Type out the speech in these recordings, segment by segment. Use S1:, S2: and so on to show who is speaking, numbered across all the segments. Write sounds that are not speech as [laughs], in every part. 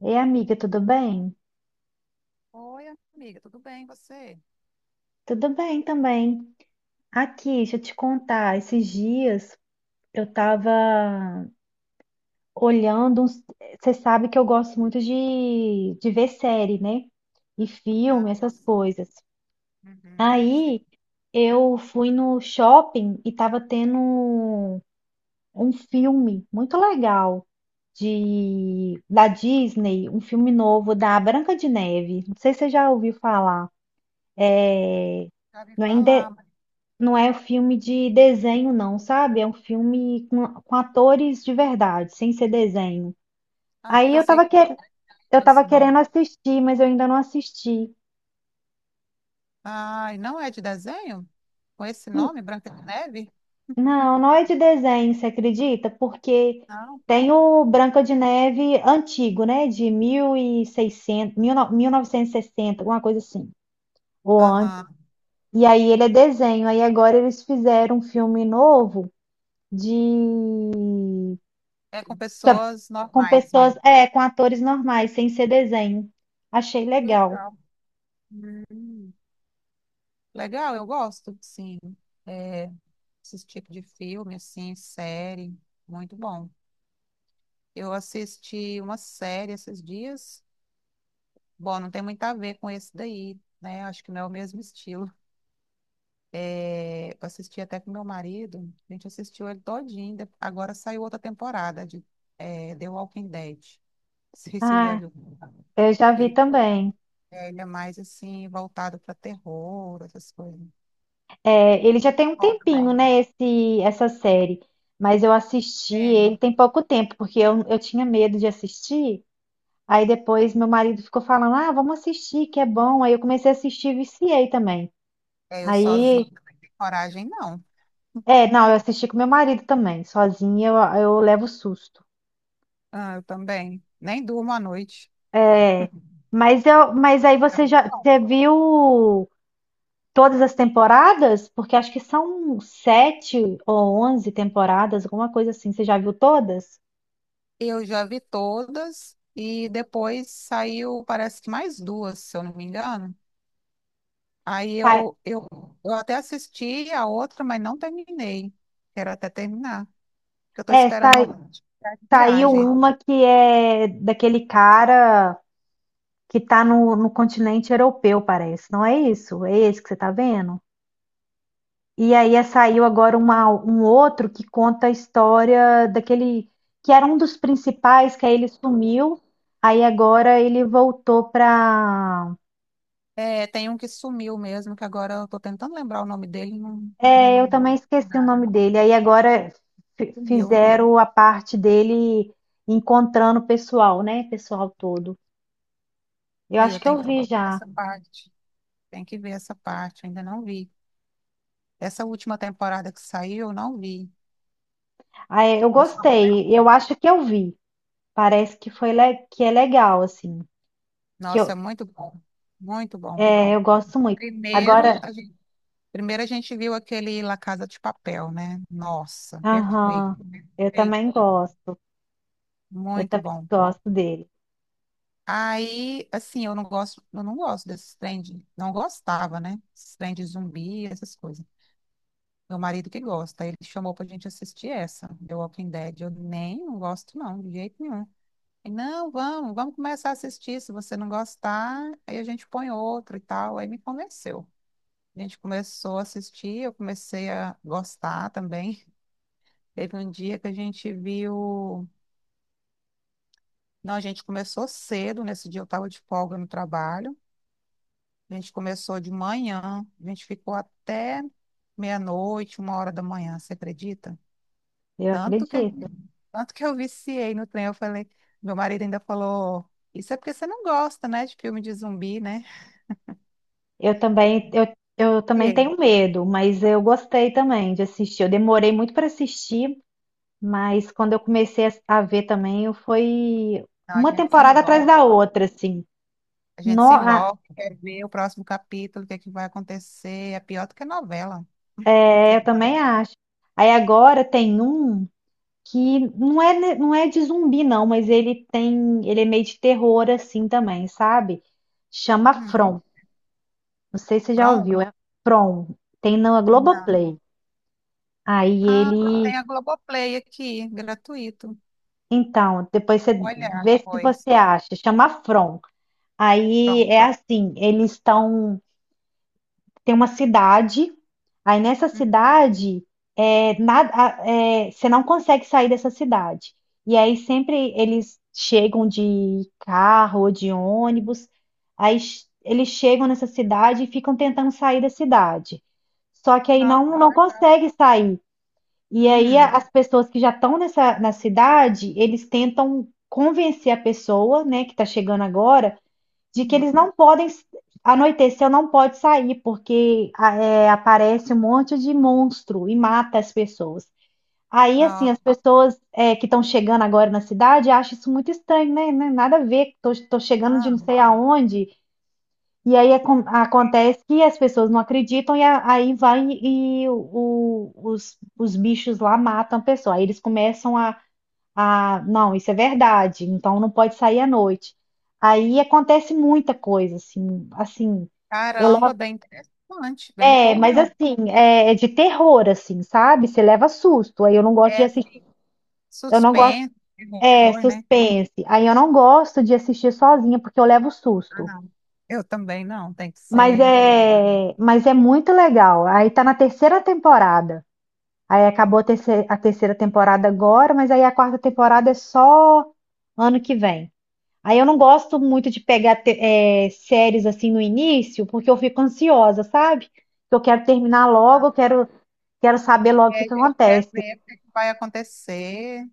S1: Ei, amiga, tudo bem?
S2: Oi, amiga, tudo bem, você?
S1: Tudo bem também. Aqui, deixa eu te contar, esses dias eu tava olhando Você sabe que eu gosto muito de ver série, né? E filme,
S2: Ah, eu
S1: essas
S2: s-
S1: coisas.
S2: uhum, sei.
S1: Aí eu fui no shopping e tava tendo um filme muito legal de da Disney, um filme novo da Branca de Neve. Não sei se você já ouviu falar. É,
S2: Já vi
S1: Não é,
S2: falar, mas...
S1: Não é um filme de desenho, não, sabe? É um filme com atores de verdade, sem ser desenho.
S2: Ah, eu
S1: Aí eu
S2: pensei
S1: tava,
S2: que
S1: que, eu tava
S2: fosse nome.
S1: querendo assistir, mas eu ainda não assisti.
S2: Ai, não é de desenho? Com esse
S1: Hum,
S2: nome, Branca de Neve?
S1: Não, não é de desenho, você acredita? Porque
S2: Não.
S1: tem o Branca de Neve antigo, né? De 1600, 1960, alguma coisa assim, ou antes.
S2: Aham.
S1: E aí ele é desenho. Aí agora eles fizeram um filme novo de
S2: É com pessoas
S1: com
S2: normais
S1: pessoas,
S2: mesmo.
S1: é, com atores normais, sem ser desenho. Achei
S2: Que
S1: legal.
S2: legal. Hum, Legal, eu gosto, sim. É, esse tipo de filme, assim, série, muito bom. Eu assisti uma série esses dias. Bom, não tem muito a ver com esse daí, né? Acho que não é o mesmo estilo. É, eu assisti até com meu marido, a gente assistiu ele todinho, agora saiu outra temporada de The Walking Dead. [laughs] Não sei se você já
S1: Ah,
S2: viu.
S1: eu já vi
S2: Ele
S1: também.
S2: ele é mais assim, voltado para terror, essas coisas.
S1: É, ele já tem um
S2: Ó,
S1: tempinho,
S2: também.
S1: né, essa série. Mas eu assisti ele
S2: Tem.
S1: tem pouco tempo, porque eu tinha medo de assistir. Aí depois meu marido ficou falando, ah, vamos assistir, que é bom. Aí eu comecei a assistir e viciei também.
S2: É, eu sozinho
S1: Aí,
S2: não tenho coragem, não.
S1: é, não, eu assisti com meu marido também. Sozinha eu levo susto.
S2: Ah, eu também. Nem durmo à noite.
S1: É, mas aí
S2: É muito bom.
S1: você viu todas as temporadas? Porque acho que são sete ou onze temporadas, alguma coisa assim. Você já viu todas?
S2: Eu já vi todas e depois saiu, parece que mais duas, se eu não me engano. Aí
S1: Sa-
S2: eu, eu, eu até assisti a outra, mas não terminei. Quero até terminar, porque eu estou
S1: É,
S2: esperando uma
S1: sai-
S2: oportunidade de
S1: saiu
S2: viagem.
S1: uma que é daquele cara que tá no continente europeu, parece. Não é isso? É esse que você tá vendo? E aí saiu agora um outro que conta a história daquele que era um dos principais, que aí ele sumiu, aí agora ele voltou para...
S2: É, tem um que sumiu mesmo, que agora eu estou tentando lembrar o nome dele,
S1: É, eu também esqueci o nome
S2: nada.
S1: dele. Aí agora
S2: Sumiu.
S1: fizeram a parte dele encontrando o pessoal, né? Pessoal todo. Eu
S2: Aí
S1: acho
S2: eu
S1: que
S2: tenho
S1: eu
S2: que
S1: vi
S2: ver
S1: já.
S2: essa parte. Tem que ver essa parte, ainda não vi. Essa última temporada que saiu, eu não vi.
S1: Ah, é, eu
S2: Eu só
S1: gostei. Eu
S2: comecei.
S1: acho que eu vi. Parece que foi que é legal assim. Que
S2: Nossa,
S1: eu,
S2: é muito bom. Muito bom.
S1: é, eu gosto muito.
S2: Primeiro,
S1: Agora,
S2: a gente Primeiro a gente viu aquele La Casa de Papel, né? Nossa, perfeito,
S1: aham, eu também
S2: perfeito.
S1: gosto. Eu
S2: Muito
S1: também
S2: bom.
S1: gosto dele.
S2: Aí, assim, eu não gosto desses não gostava, né? Esses trem de zumbi, essas coisas. Meu marido que gosta, ele chamou pra gente assistir essa, The Walking Dead. Eu nem não gosto, não, de jeito nenhum. Ele, não, vamos, vamos começar a assistir. Se você não gostar, aí a gente põe outra e tal. Aí me convenceu. A gente começou a assistir, eu comecei a gostar também. Teve um dia que a gente viu. Não, a gente começou cedo. Nesse dia eu estava de folga no trabalho. A gente começou de manhã, a gente ficou até meia-noite, uma hora da manhã, você acredita?
S1: Eu
S2: Tanto que,
S1: acredito.
S2: tanto que eu viciei no trem. Eu falei, meu marido ainda falou: Isso é porque você não gosta, né, de filme de zumbi, né?
S1: Eu também eu, eu também
S2: Viciei.
S1: tenho medo, mas eu gostei também de assistir. Eu demorei muito para assistir. Mas quando eu comecei a ver também, foi
S2: Não, a
S1: uma
S2: gente se
S1: temporada atrás
S2: envolve.
S1: da outra, assim.
S2: A
S1: No,
S2: gente se envolve, quer ver o próximo capítulo, o que é que vai acontecer. É pior do que novela. Você...
S1: é, eu também acho. Aí agora tem um que não é de zumbi, não, mas ele é meio de terror, assim também, sabe? Chama
S2: Qual-
S1: From. Não sei se você já
S2: Pronto?
S1: ouviu. É From. Tem na
S2: Não.
S1: Globoplay. Aí
S2: Ah, eu
S1: ele.
S2: tenho a Globoplay aqui, gratuito.
S1: Então, depois você
S2: Olha,
S1: vê se
S2: pois.
S1: você acha. Chama From. Aí
S2: Pronto.
S1: é assim, eles estão. Tem uma cidade, aí nessa
S2: Hum,
S1: cidade é, é, você não consegue sair dessa cidade. E aí sempre eles chegam de carro ou de ônibus, aí eles chegam nessa cidade e ficam tentando sair da cidade. Só que aí
S2: Não.
S1: não consegue sair. E aí as
S2: Hum,
S1: pessoas que já estão nessa na cidade, eles tentam convencer a pessoa, né, que está chegando agora de que
S2: hum,
S1: eles não podem, anoiteceu, não pode sair, porque é, aparece um monte de monstro e mata as pessoas. Aí, assim,
S2: não.
S1: as pessoas é, que estão chegando agora na cidade acham isso muito estranho, né? Não é nada a ver, tô chegando de
S2: Ah,
S1: não sei aonde, e aí acontece que as pessoas não acreditam, e aí vai e os bichos lá matam a pessoa. Aí eles começam a... Ah, não, isso é verdade. Então não pode sair à noite. Aí acontece muita coisa, assim, assim. Eu levo,
S2: caramba, bem interessante, bem
S1: é, mas
S2: empolgante.
S1: assim, é, é de terror, assim, sabe? Você leva susto. Aí eu não gosto de
S2: É,
S1: assistir.
S2: sim.
S1: Eu não gosto,
S2: Suspense,
S1: é,
S2: terror, né?
S1: suspense. Aí eu não gosto de assistir sozinha porque eu levo
S2: Ah,
S1: susto.
S2: não. Eu também não, tem que
S1: Mas
S2: ser acompanhado.
S1: é, mas é muito legal. Aí tá na terceira temporada. Aí acabou a terceira temporada agora, mas aí a quarta temporada é só ano que vem. Aí eu não gosto muito de pegar séries assim no início, porque eu fico ansiosa, sabe? Eu quero terminar logo, quero saber logo o
S2: É,
S1: que
S2: a
S1: que
S2: gente quer
S1: acontece.
S2: ver o que é que vai acontecer.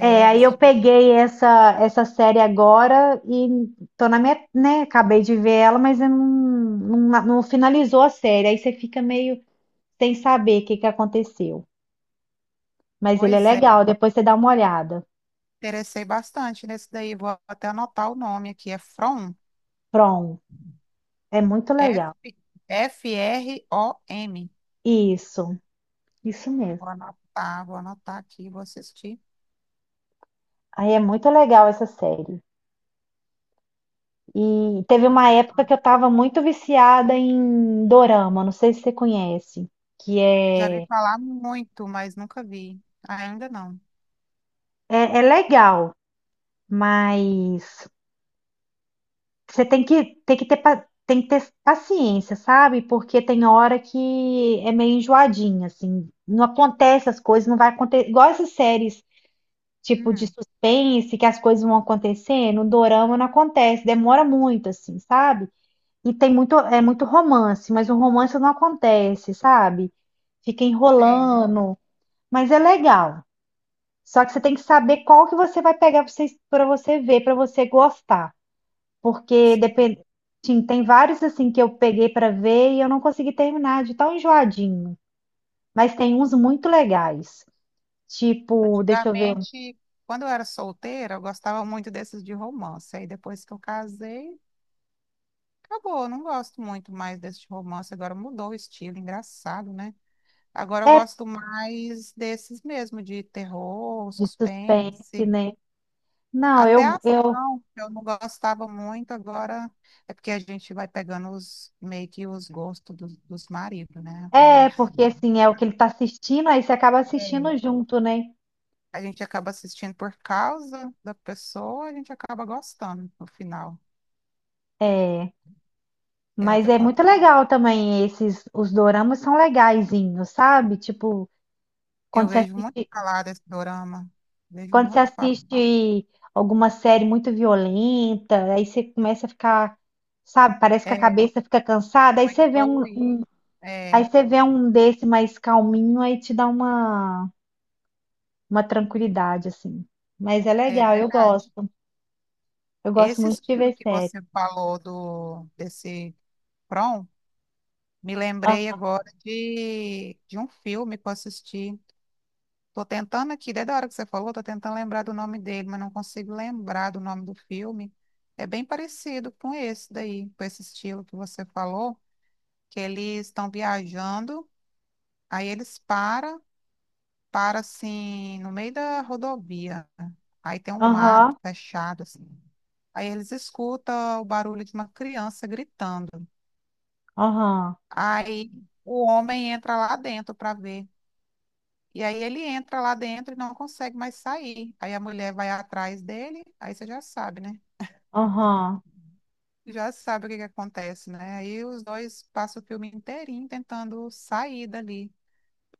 S1: É, aí
S2: desse
S1: eu
S2: jeito.
S1: peguei essa série agora e tô na minha, né, acabei de ver ela, mas eu não finalizou a série. Aí você fica meio sem saber o que que aconteceu. Mas ele é
S2: Pois é,
S1: legal, depois você dá uma olhada.
S2: interessei bastante nesse daí. Vou até anotar o nome aqui. É From,
S1: Pronto, é muito
S2: F,
S1: legal.
S2: FROM.
S1: Isso, isso mesmo.
S2: Vou anotar aqui, vou assistir.
S1: Aí é muito legal essa série. E teve uma época que eu estava muito viciada em dorama, não sei se você conhece, que
S2: Já vi
S1: é, é,
S2: falar muito, mas nunca vi. Ainda não.
S1: é legal, mas você tem que, tem que ter paciência, sabe? Porque tem hora que é meio enjoadinha, assim, não acontece as coisas, não vai acontecer. Igual essas séries tipo de
S2: Hum,
S1: suspense, que as coisas vão acontecendo, o dorama não acontece, demora muito, assim, sabe? E tem muito, é muito romance, mas o romance não acontece, sabe? Fica
S2: sei,
S1: enrolando, mas é legal. Só que você tem que saber qual que você vai pegar para você ver, para você gostar. Porque
S2: sei.
S1: depende, sim, tem vários assim que eu peguei para ver e eu não consegui terminar de tão enjoadinho. Mas tem uns muito legais. Tipo, deixa eu ver,
S2: Antigamente, quando eu era solteira, eu gostava muito desses de romance. Aí depois que eu casei, acabou. Eu não gosto muito mais desse de romance. Agora mudou o estilo, engraçado, né? Agora eu
S1: é
S2: gosto mais desses mesmo, de terror,
S1: de suspense,
S2: suspense.
S1: né? Não,
S2: Até a
S1: eu
S2: ação, que eu não gostava muito, agora é porque a gente vai pegando os, meio que os gostos dos maridos, né, amiga?
S1: é porque assim é o que ele tá assistindo, aí você acaba
S2: É.
S1: assistindo junto, né?
S2: A gente acaba assistindo por causa da pessoa, a gente acaba gostando no final.
S1: É.
S2: É o
S1: Mas
S2: que
S1: é muito
S2: acontece.
S1: legal também esses, os doramas são legaisinhos, sabe? Tipo,
S2: Eu
S1: quando você
S2: vejo muito
S1: assiste,
S2: falar desse dorama, vejo
S1: quando você
S2: muito falar.
S1: assiste alguma série muito violenta, aí você começa a ficar, sabe? Parece que a
S2: É
S1: cabeça fica cansada, aí
S2: muito
S1: você vê
S2: poluído. É,
S1: aí você vê um desse mais calminho, aí te dá uma tranquilidade, assim. Mas é
S2: é
S1: legal, eu
S2: verdade.
S1: gosto. Eu gosto
S2: Esse
S1: muito de
S2: estilo
S1: ver
S2: que
S1: série.
S2: você falou do desse prom, me lembrei
S1: Ah,
S2: agora de um filme que eu assisti. Tô tentando aqui, desde a hora que você falou, tô tentando lembrar do nome dele, mas não consigo lembrar do nome do filme. É bem parecido com esse daí, com esse estilo que você falou, que eles estão viajando, aí eles param, param assim, no meio da rodovia. Aí tem um mato
S1: aham,
S2: fechado, assim. Aí eles escutam o barulho de uma criança gritando.
S1: aham,
S2: Aí o homem entra lá dentro para ver. E aí ele entra lá dentro e não consegue mais sair. Aí a mulher vai atrás dele, aí você já sabe, né?
S1: aham.
S2: Já sabe o que que acontece, né? Aí os dois passam o filme inteirinho tentando sair dali,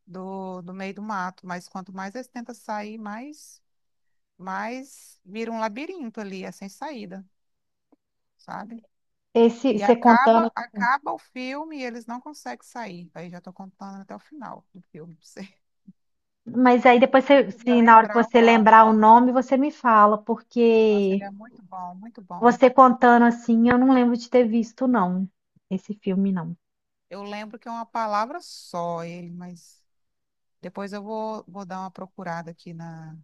S2: do meio do mato. Mas quanto mais eles tentam sair, mais, mais vira um labirinto ali, é sem saída, sabe?
S1: Esse,
S2: E
S1: você
S2: acaba,
S1: contando...
S2: acaba o filme e eles não conseguem sair. Aí já estou contando até o final do filme pra você. [laughs]
S1: Mas aí depois,
S2: Eu queria
S1: se na hora que
S2: lembrar o
S1: você
S2: nome.
S1: lembrar o nome, você me fala,
S2: Nossa,
S1: porque
S2: ele é muito bom, muito bom.
S1: você contando assim, eu não lembro de ter visto, não, esse filme, não.
S2: Eu lembro que é uma palavra só ele, mas depois eu vou, vou dar uma procurada aqui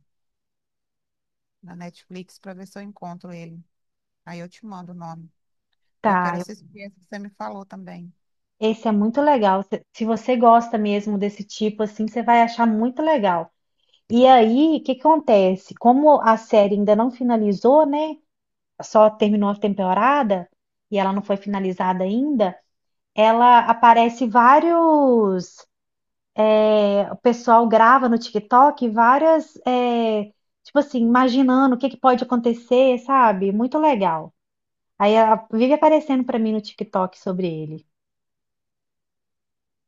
S2: na Netflix para ver se eu encontro ele. Aí eu te mando o nome. E eu quero
S1: Tá, eu-
S2: assistir esse que você me falou também.
S1: esse é muito legal. Se se você gosta mesmo desse tipo, assim, você vai achar muito legal. E aí, o que que acontece? Como a série ainda não finalizou, né? Só terminou a temporada e ela não foi finalizada ainda, ela aparece vários é, o pessoal grava no TikTok várias, é, tipo assim, imaginando o que que pode acontecer, sabe? Muito legal. Vive aparecendo pra mim no TikTok sobre ele.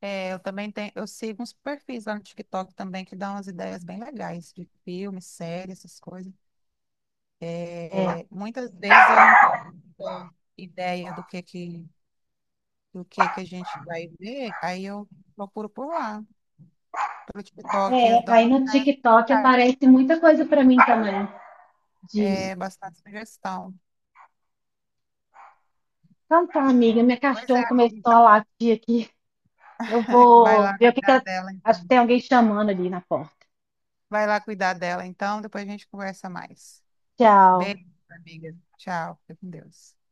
S2: É, eu também tenho, eu sigo uns perfis lá no TikTok também que dão umas ideias bem legais de filmes, séries, essas coisas.
S1: É,
S2: É, muitas vezes eu não tenho muita ideia do que a gente vai ver, aí eu procuro por lá, pelo TikTok, eles
S1: é,
S2: dão
S1: aí
S2: umas
S1: no
S2: ideias
S1: TikTok
S2: legais,
S1: aparece muita coisa pra mim também disso.
S2: é, bastante sugestão.
S1: Então tá, amiga, minha
S2: Pois é,
S1: cachorra começou
S2: amiga,
S1: a
S2: então
S1: latir aqui. Eu
S2: [laughs] vai
S1: vou
S2: lá
S1: ver o que que
S2: cuidar
S1: ela...
S2: dela,
S1: Acho que
S2: então.
S1: tem alguém chamando ali na porta.
S2: Vai lá cuidar dela, então, depois a gente conversa mais.
S1: Tchau.
S2: Beijo, amiga. Tchau, fica com Deus.